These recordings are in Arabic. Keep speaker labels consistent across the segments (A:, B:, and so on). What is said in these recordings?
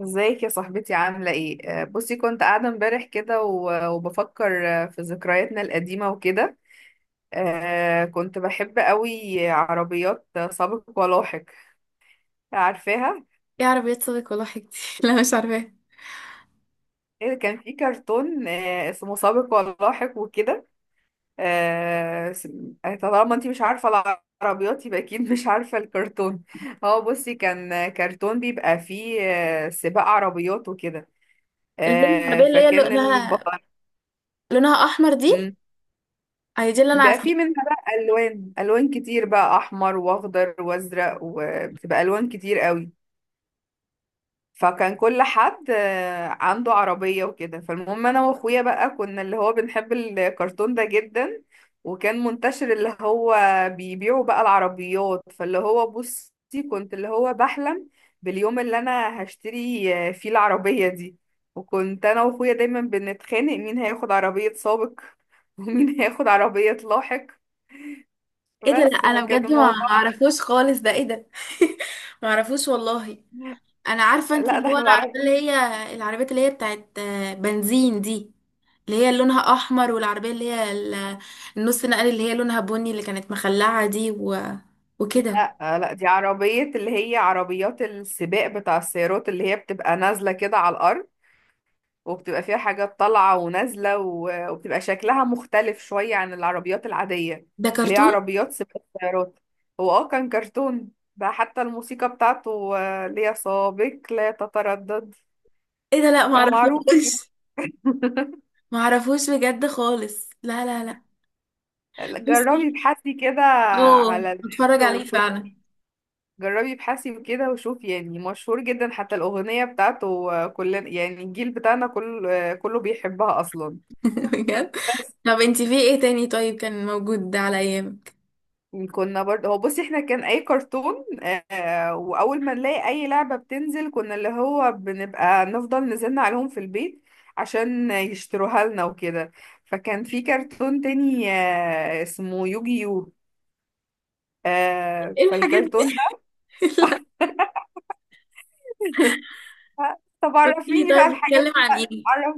A: ازيك يا صاحبتي عاملة ايه؟ بصي كنت قاعدة امبارح كده و- وبفكر في ذكرياتنا القديمة وكده. كنت بحب قوي عربيات سابق ولاحق. عارفاها؟
B: ايه، عربية صديق ولا حاجتي؟ لا، مش عارفاها.
A: إيه، كان في كرتون اسمه سابق ولاحق وكده. آه، س- طالما انتي مش عارفة العربيات يبقى اكيد مش عارفة الكرتون. اه، بصي كان كرتون بيبقى فيه سباق عربيات وكده.
B: اللي هي العربية اللي هي
A: فكان
B: لونها
A: البطل.
B: لونها احمر دي؟ هي دي اللي انا
A: بقى
B: عارفاها.
A: في منها بقى الوان كتير بقى احمر واخضر وازرق وبتبقى الوان كتير قوي. فكان كل حد عنده عربية وكده، فالمهم انا واخويا بقى كنا اللي هو بنحب الكرتون ده جدا. وكان منتشر اللي هو بيبيعوا بقى العربيات، فاللي هو بصي كنت اللي هو بحلم باليوم اللي انا هشتري فيه العربية دي. وكنت انا واخويا دايما بنتخانق مين هياخد عربية سابق ومين هياخد عربية لاحق.
B: ايه ده؟ لا،
A: بس
B: انا
A: فكان
B: بجد ما
A: الموضوع.
B: اعرفوش خالص. ده ايه ده؟ ما اعرفوش والله. انا عارفة، انت
A: لا
B: اللي
A: ده
B: هو
A: احنا
B: انا عارفة اللي
A: العربية.
B: هي العربيات اللي هي بتاعت بنزين دي، اللي هي لونها احمر، والعربية اللي هي النص نقل اللي هي لونها بني، اللي كانت مخلعة دي و... وكده.
A: لا لا، دي عربية اللي هي عربيات السباق بتاع السيارات اللي هي بتبقى نازلة كده على الأرض، وبتبقى فيها حاجات طالعة ونازلة و- وبتبقى شكلها مختلف شوية عن العربيات العادية.
B: ده
A: اللي هي
B: كرتون؟
A: عربيات سباق السيارات. هو كان كرتون ده، حتى الموسيقى بتاعته اللي هي سابق لا تتردد
B: ايه ده؟ لا، ما
A: يا معروف.
B: اعرفوش. ما اعرفوش بجد خالص، لا لا لا. بصي.
A: جربي ابحثي كده
B: اوه،
A: على النت
B: هتفرج عليه
A: وشوفي.
B: فعلا.
A: جربي ابحثي وكده وشوفي، يعني مشهور جدا حتى الأغنية بتاعته كلنا، يعني الجيل بتاعنا كله كله بيحبها أصلا.
B: بجد؟
A: بس.
B: طب انتي في ايه تاني؟ طيب، كان موجود على ايامك؟
A: كنا برضه هو بصي احنا كان أي كرتون وأول ما نلاقي أي لعبة بتنزل كنا اللي هو بنبقى نفضل نزلنا عليهم في البيت عشان يشتروها لنا وكده. فكان في كرتون تاني اسمه يوجيو.
B: ايه الحاجات دي؟
A: فالكرتون ده.
B: لا.
A: طب
B: قولي لي،
A: عرفيني بقى
B: طيب،
A: الحاجات
B: بتتكلم
A: اللي
B: عن ايه؟
A: عرف...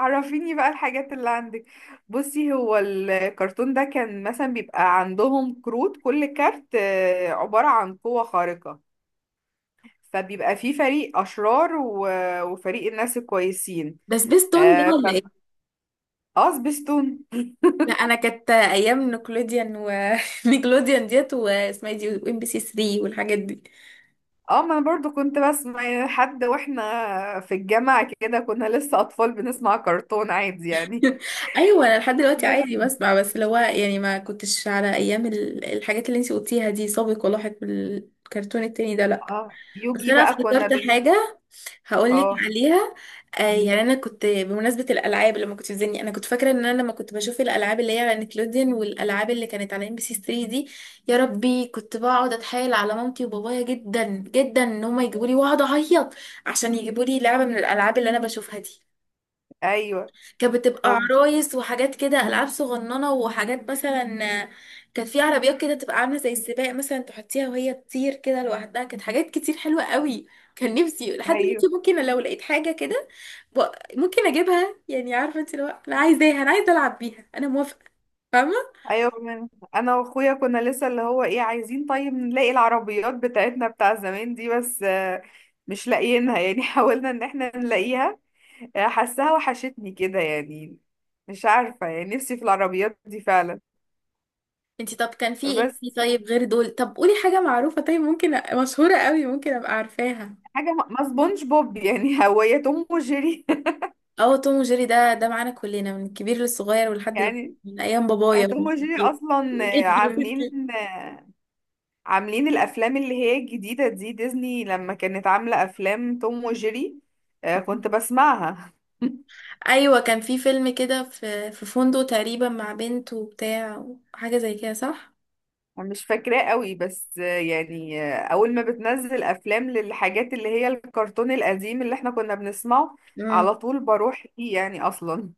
A: عرفيني بقى الحاجات اللي عندك. بصي هو الكرتون ده كان مثلا بيبقى عندهم كروت، كل كارت عبارة عن قوة خارقة. فبيبقى فيه فريق أشرار وفريق الناس الكويسين.
B: ده سبيستون ده
A: اه ف...
B: ولا ايه؟
A: سبيستون.
B: لا، انا كانت ايام نيكلوديان و. نيكلوديان ديت، واسمها إيه دي، وام بي سي 3، والحاجات دي.
A: اه، ما انا برضو كنت بسمع يعني، حد واحنا في الجامعة كده كنا لسه أطفال بنسمع كرتون عادي يعني.
B: ايوه، انا لحد دلوقتي عادي بسمع، بس اللي هو يعني ما كنتش على ايام الحاجات اللي انتي قلتيها دي، سابق ولاحق بالكرتون التاني ده، لا.
A: اه،
B: بس
A: يوجي
B: انا
A: بقى كنا
B: افتكرت
A: بين.
B: حاجه، هقولك
A: اه.
B: عليها.
A: مم.
B: يعني انا كنت بمناسبه الالعاب، لما كنت بتزني، انا كنت فاكره ان انا لما كنت بشوف الالعاب اللي هي على نيكلوديان والالعاب اللي كانت على ام بي سي 3 دي، يا ربي كنت بقعد اتحايل على مامتي وبابايا جدا جدا ان هما يجيبوا لي، واقعد اعيط عشان يجيبوا لي لعبه من الالعاب اللي انا بشوفها دي.
A: ايوه
B: كانت بتبقى عرايس وحاجات كده، العاب صغننه وحاجات مثلا. كانت في عربيات كده تبقى عامله زي السباق، مثلا تحطيها وهي تطير كده لوحدها، كانت حاجات كتير حلوه قوي. كان نفسي لحد دلوقتي،
A: ايوه
B: ممكن لو لقيت حاجه كده ب- ممكن اجيبها، يعني عارفه انت، لو انا عايزاها، انا عايزه العب بيها، انا موافقه. فاهمه؟
A: ايوه. من انا واخويا كنا لسه اللي هو ايه عايزين طيب نلاقي العربيات بتاعتنا بتاع زمان دي بس مش لاقيينها يعني حاولنا ان احنا نلاقيها. حاساها وحشتني كده يعني. مش عارفة يعني نفسي في العربيات دي فعلا.
B: انت طب كان في
A: بس
B: ايه طيب غير دول؟ طب قولي حاجه معروفه، طيب، ممكن مشهوره قوي ممكن ابقى عارفاها.
A: حاجة ما سبونج بوب يعني هو يا توم وجيري.
B: اه، توم وجيري، ده معانا كلنا من الكبير للصغير، ولحد
A: يعني.
B: من ايام بابايا
A: توم
B: وجدي.
A: وجيري اصلا
B: وجدي وجدي.
A: عاملين الافلام اللي هي الجديده دي ديزني لما كانت عامله افلام توم وجيري. كنت بسمعها.
B: ايوه، كان في فيلم كده في فندق تقريبا مع بنت وبتاع، حاجه زي كده، صح؟
A: أنا مش فاكراه قوي بس يعني اول ما بتنزل افلام للحاجات اللي هي الكرتون القديم اللي احنا كنا بنسمعه
B: امم.
A: على طول بروح فيه يعني اصلا.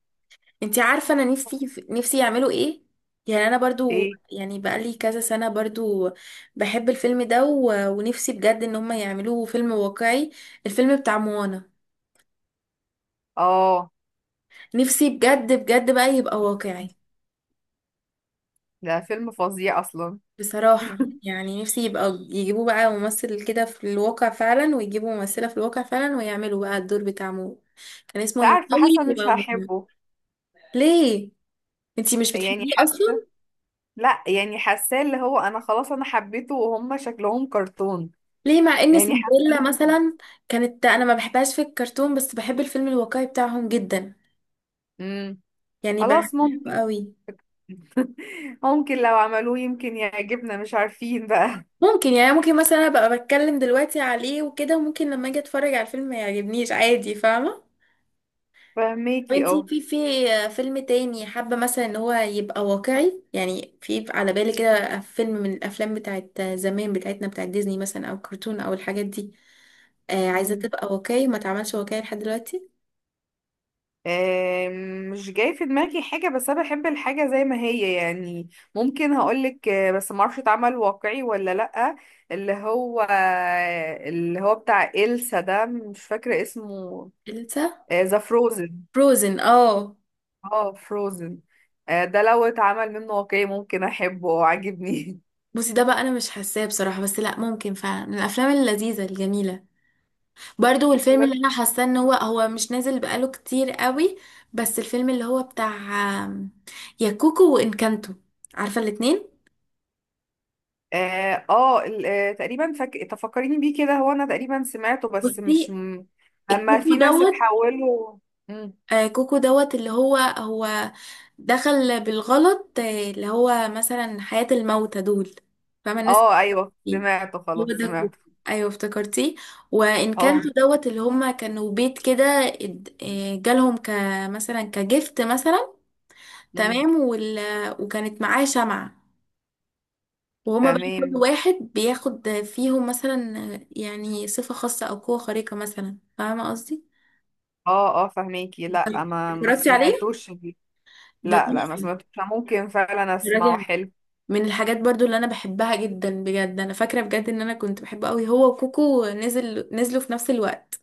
B: انتي عارفه انا نفسي، نفسي يعملوا ايه؟ يعني انا برضو،
A: ايه.
B: يعني بقالي كذا سنه برضو بحب الفيلم ده و. ونفسي بجد ان هم يعملوه فيلم واقعي، الفيلم بتاع موانا.
A: اه،
B: نفسي بجد بجد بقى يبقى واقعي،
A: ده فيلم فظيع اصلا.
B: بصراحة. يعني نفسي يبقى يجيبوه بقى ممثل كده في الواقع فعلا، ويجيبوا ممثلة في الواقع فعلا، ويعملوا بقى الدور بتاع مو. كان اسمه
A: مش عارفه حاسه
B: يمثلي
A: مش
B: ومو.
A: هحبه.
B: ليه؟ انتي مش
A: يعني
B: بتحبيه
A: حاسه.
B: اصلا؟
A: لا، يعني حاساه اللي هو انا خلاص انا حبيته وهم شكلهم كرتون.
B: ليه، مع ان
A: يعني حاسه.
B: سندريلا مثلا كانت، انا ما بحبهاش في الكرتون، بس بحب الفيلم الواقعي بتاعهم جدا،
A: امم
B: يعني
A: خلاص
B: بحبه
A: ممكن.
B: قوي.
A: ممكن لو عملوه يمكن يعجبنا مش عارفين بقى.
B: ممكن، يعني ممكن مثلا ابقى بتكلم دلوقتي عليه وكده، وممكن لما اجي اتفرج على الفيلم ما يعجبنيش، عادي. فاهمة؟ طب
A: فهميكي
B: انتي
A: اه.
B: في فيلم تاني حابة مثلا ان هو يبقى واقعي؟ يعني في على بالي كده فيلم من الافلام بتاعت زمان بتاعتنا، بتاعت ديزني مثلا، او كرتون، او الحاجات دي، عايزة
A: امم
B: تبقى واقعي ما تعملش واقعي لحد دلوقتي.
A: آم، مش جاي في دماغي حاجة بس أنا بحب الحاجة زي ما هي يعني. ممكن هقولك بس معرفش اتعمل واقعي ولا لأ. اللي هو اللي هو بتاع إلسا ده مش فاكرة اسمه.
B: إلسا.
A: ذا فروزن.
B: فروزن، اه.
A: اه، فروزن. ده لو اتعمل منه واقعي ممكن أحبه وعاجبني.
B: بصي، ده بقى انا مش حاساه بصراحة، بس لا، ممكن فعلا من الافلام اللذيذة الجميلة. برضو الفيلم اللي انا حاساه ان هو، هو مش نازل بقاله كتير قوي، بس الفيلم اللي هو بتاع آم، يا كوكو وانكانتو. عارفة الاتنين؟
A: اه. تقريبا تفكريني بيه كده هو انا تقريبا سمعته بس مش
B: بصي،
A: اما
B: الكوكو
A: في ناس
B: دوت،
A: اتحولوا. مم.
B: كوكو دوت اللي هو دخل بالغلط، اللي هو مثلا حياة الموتى دول، فاهمة الناس
A: اه ايوه
B: دي.
A: سمعته
B: هو
A: خلاص
B: ده كوكو،
A: سمعته.
B: ايوه، افتكرتيه. وانكانتو
A: اه.
B: دوت اللي هما كانوا بيت كده، جالهم كمثلا كجفت مثلا،
A: مم.
B: تمام، وال... وكانت معاه شمعة، وهما بقى كل
A: تمام.
B: واحد بياخد فيهم مثلا، يعني صفة خاصة أو قوة خارقة مثلا. فاهمة قصدي؟
A: اه اه فهميكي. لا ما
B: اتفرجتي عليه؟
A: سمعتوش دي.
B: ده
A: لا لا، ما
B: تحفة.
A: سمعتوش، ممكن فعلا اسمعه
B: اتفرجي.
A: حلو.
B: من الحاجات برضو اللي انا بحبها جدا بجد، انا فاكره بجد ان انا كنت بحبه قوي، هو وكوكو نزلوا في نفس الوقت،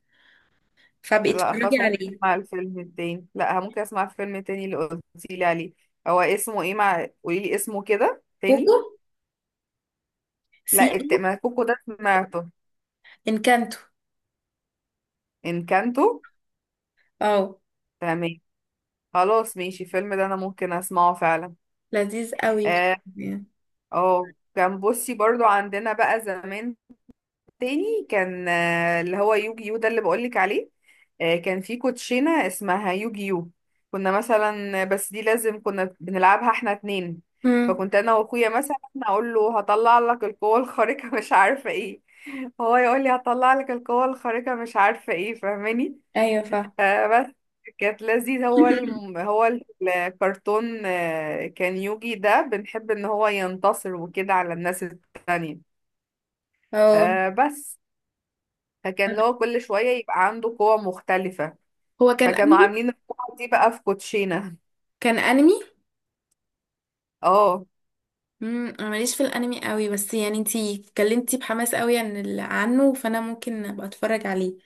B: فبقيت
A: لا،
B: اتفرجي
A: خلاص ممكن
B: عليه.
A: اسمع الفيلم التاني، لا ممكن اسمع الفيلم التاني اللي قلتي لي عليه. هو اسمه ايه؟ مع، قولي لي اسمه كده
B: كوكو،
A: تاني.
B: سي
A: لا
B: او،
A: ما كوكو ده سمعته.
B: انكانتو،
A: انكانتو.
B: اه.
A: تمام. خلاص ماشي الفيلم ده انا ممكن اسمعه فعلا.
B: لذيذ قوي.
A: اه. كان بصي برضو عندنا بقى زمان تاني كان اللي هو يوجي يو ده اللي بقولك عليه. كان في كوتشينة اسمها يوجي يو. كنا مثلا بس دي لازم كنا بنلعبها احنا اتنين.
B: امم.
A: فكنت انا واخويا مثلا اقول له هطلع لك القوة الخارقة مش عارفة ايه، هو يقول لي هطلع لك القوة الخارقة مش عارفة ايه فاهماني.
B: ايوه، فاهم.
A: فبس. كانت لذيذة. هو الكرتون كان يوجي ده بنحب ان هو ينتصر وكده على الناس التانية.
B: اه.
A: بس. فكان اللي هو كل شوية يبقى عنده قوة مختلفة.
B: هو كان
A: فكانوا
B: انمي
A: عاملين القوة دي بقى في كوتشينة.
B: كان انمي
A: اه.
B: امم، انا ماليش في الانمي قوي، بس يعني انتي اتكلمتي بحماس قوي عن عنه، فانا ممكن ابقى اتفرج عليه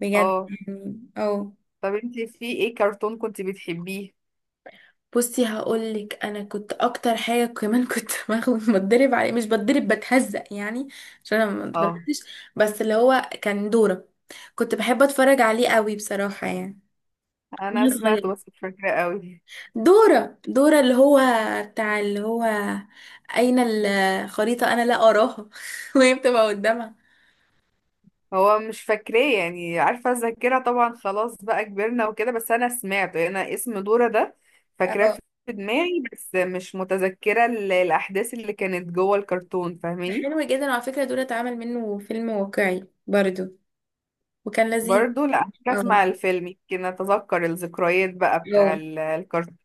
B: بجد،
A: اه.
B: يعني اه.
A: طب انتي في ايه كرتون كنت بتحبيه؟
B: بصي، هقولك انا كنت اكتر حاجه كمان، كنت باخد بتدرب عليه، مش بتدرب، بتهزق يعني، عشان انا ما
A: اه،
B: اتدربتش، بس اللي هو كان دوره. كنت بحب اتفرج عليه قوي بصراحه، يعني
A: انا
B: وانا
A: سمعته
B: صغيره.
A: بس مش فاكرة قوي.
B: دوره، دوره اللي هو بتاع، اللي هو، اين الخريطه انا لا اراها وهي بتبقى قدامها.
A: هو مش فاكراه يعني، عارفة الذاكرة طبعا خلاص بقى كبرنا وكده، بس أنا سمعته، أنا اسم دورة ده فاكراه
B: اه.
A: في دماغي بس مش متذكرة الأحداث اللي كانت جوه الكرتون
B: ده
A: فاهماني.
B: حلو جدا، وعلى فكره دوره اتعمل منه فيلم واقعي برضو، وكان لذيذ.
A: برضو لا أحتاج
B: اه.
A: أسمع الفيلم يمكن أتذكر الذكريات بقى
B: اه.
A: بتاع الكرتون.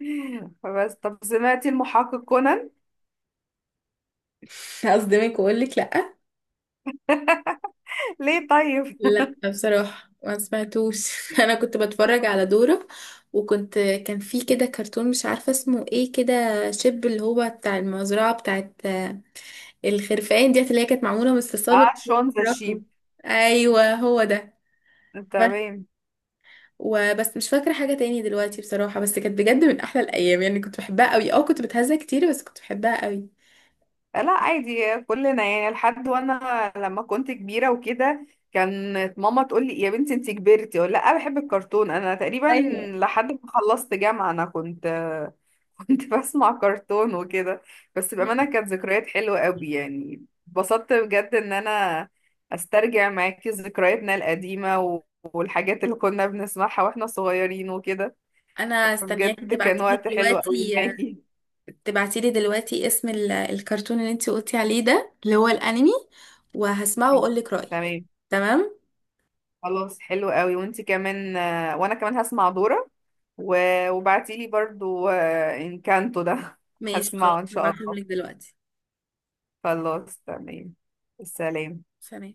A: فبس. طب سمعتي المحقق كونان؟
B: هصدمك واقول لك لا.
A: ليه طيب؟
B: لا، بصراحة ما سمعتوش. انا كنت بتفرج على دورة، وكنت كان في كده كرتون مش عارفة اسمه ايه كده، شب، اللي هو بتاع المزرعة بتاعت الخرفان ديت، اللي هي كانت معمولة من الصلصال
A: اه، شون ذا
B: وبتتحرك.
A: شيب.
B: ايوه، هو ده. بس.
A: تمام.
B: وبس مش فاكرة حاجة تاني دلوقتي بصراحة، بس كانت بجد من احلى الايام، يعني كنت بحبها قوي. اه، كنت بتهزأ كتير بس كنت بحبها قوي.
A: لا عادي كلنا يعني، لحد وانا لما كنت كبيرة وكده كانت ماما تقول لي يا بنتي انت كبرتي، اقول لا بحب الكرتون. انا تقريبا
B: ايوه.
A: لحد ما خلصت جامعة انا كنت كنت بسمع كرتون وكده. بس بأمانة كانت ذكريات حلوة قوي يعني، اتبسطت بجد ان انا استرجع معاكي ذكرياتنا القديمة و- والحاجات اللي كنا بنسمعها واحنا صغيرين وكده.
B: انا استنياكي
A: بجد كان
B: تبعتيلي
A: وقت حلو قوي
B: دلوقتي.
A: معاكي.
B: تبعتيلي دلوقتي اسم الكرتون اللي انتي قلتي عليه ده، اللي هو الانمي، وهسمعه واقولك رأيي.
A: تمام.
B: تمام.
A: خلاص حلو قوي وانت كمان وانا كمان هسمع دورة و- وبعتيلي برضو انكانتو ده.
B: ماشي. خلاص،
A: هسمعه ان شاء
B: هبعتهم
A: الله.
B: لك دلوقتي.
A: خلاص تمام. السلام.
B: سلام.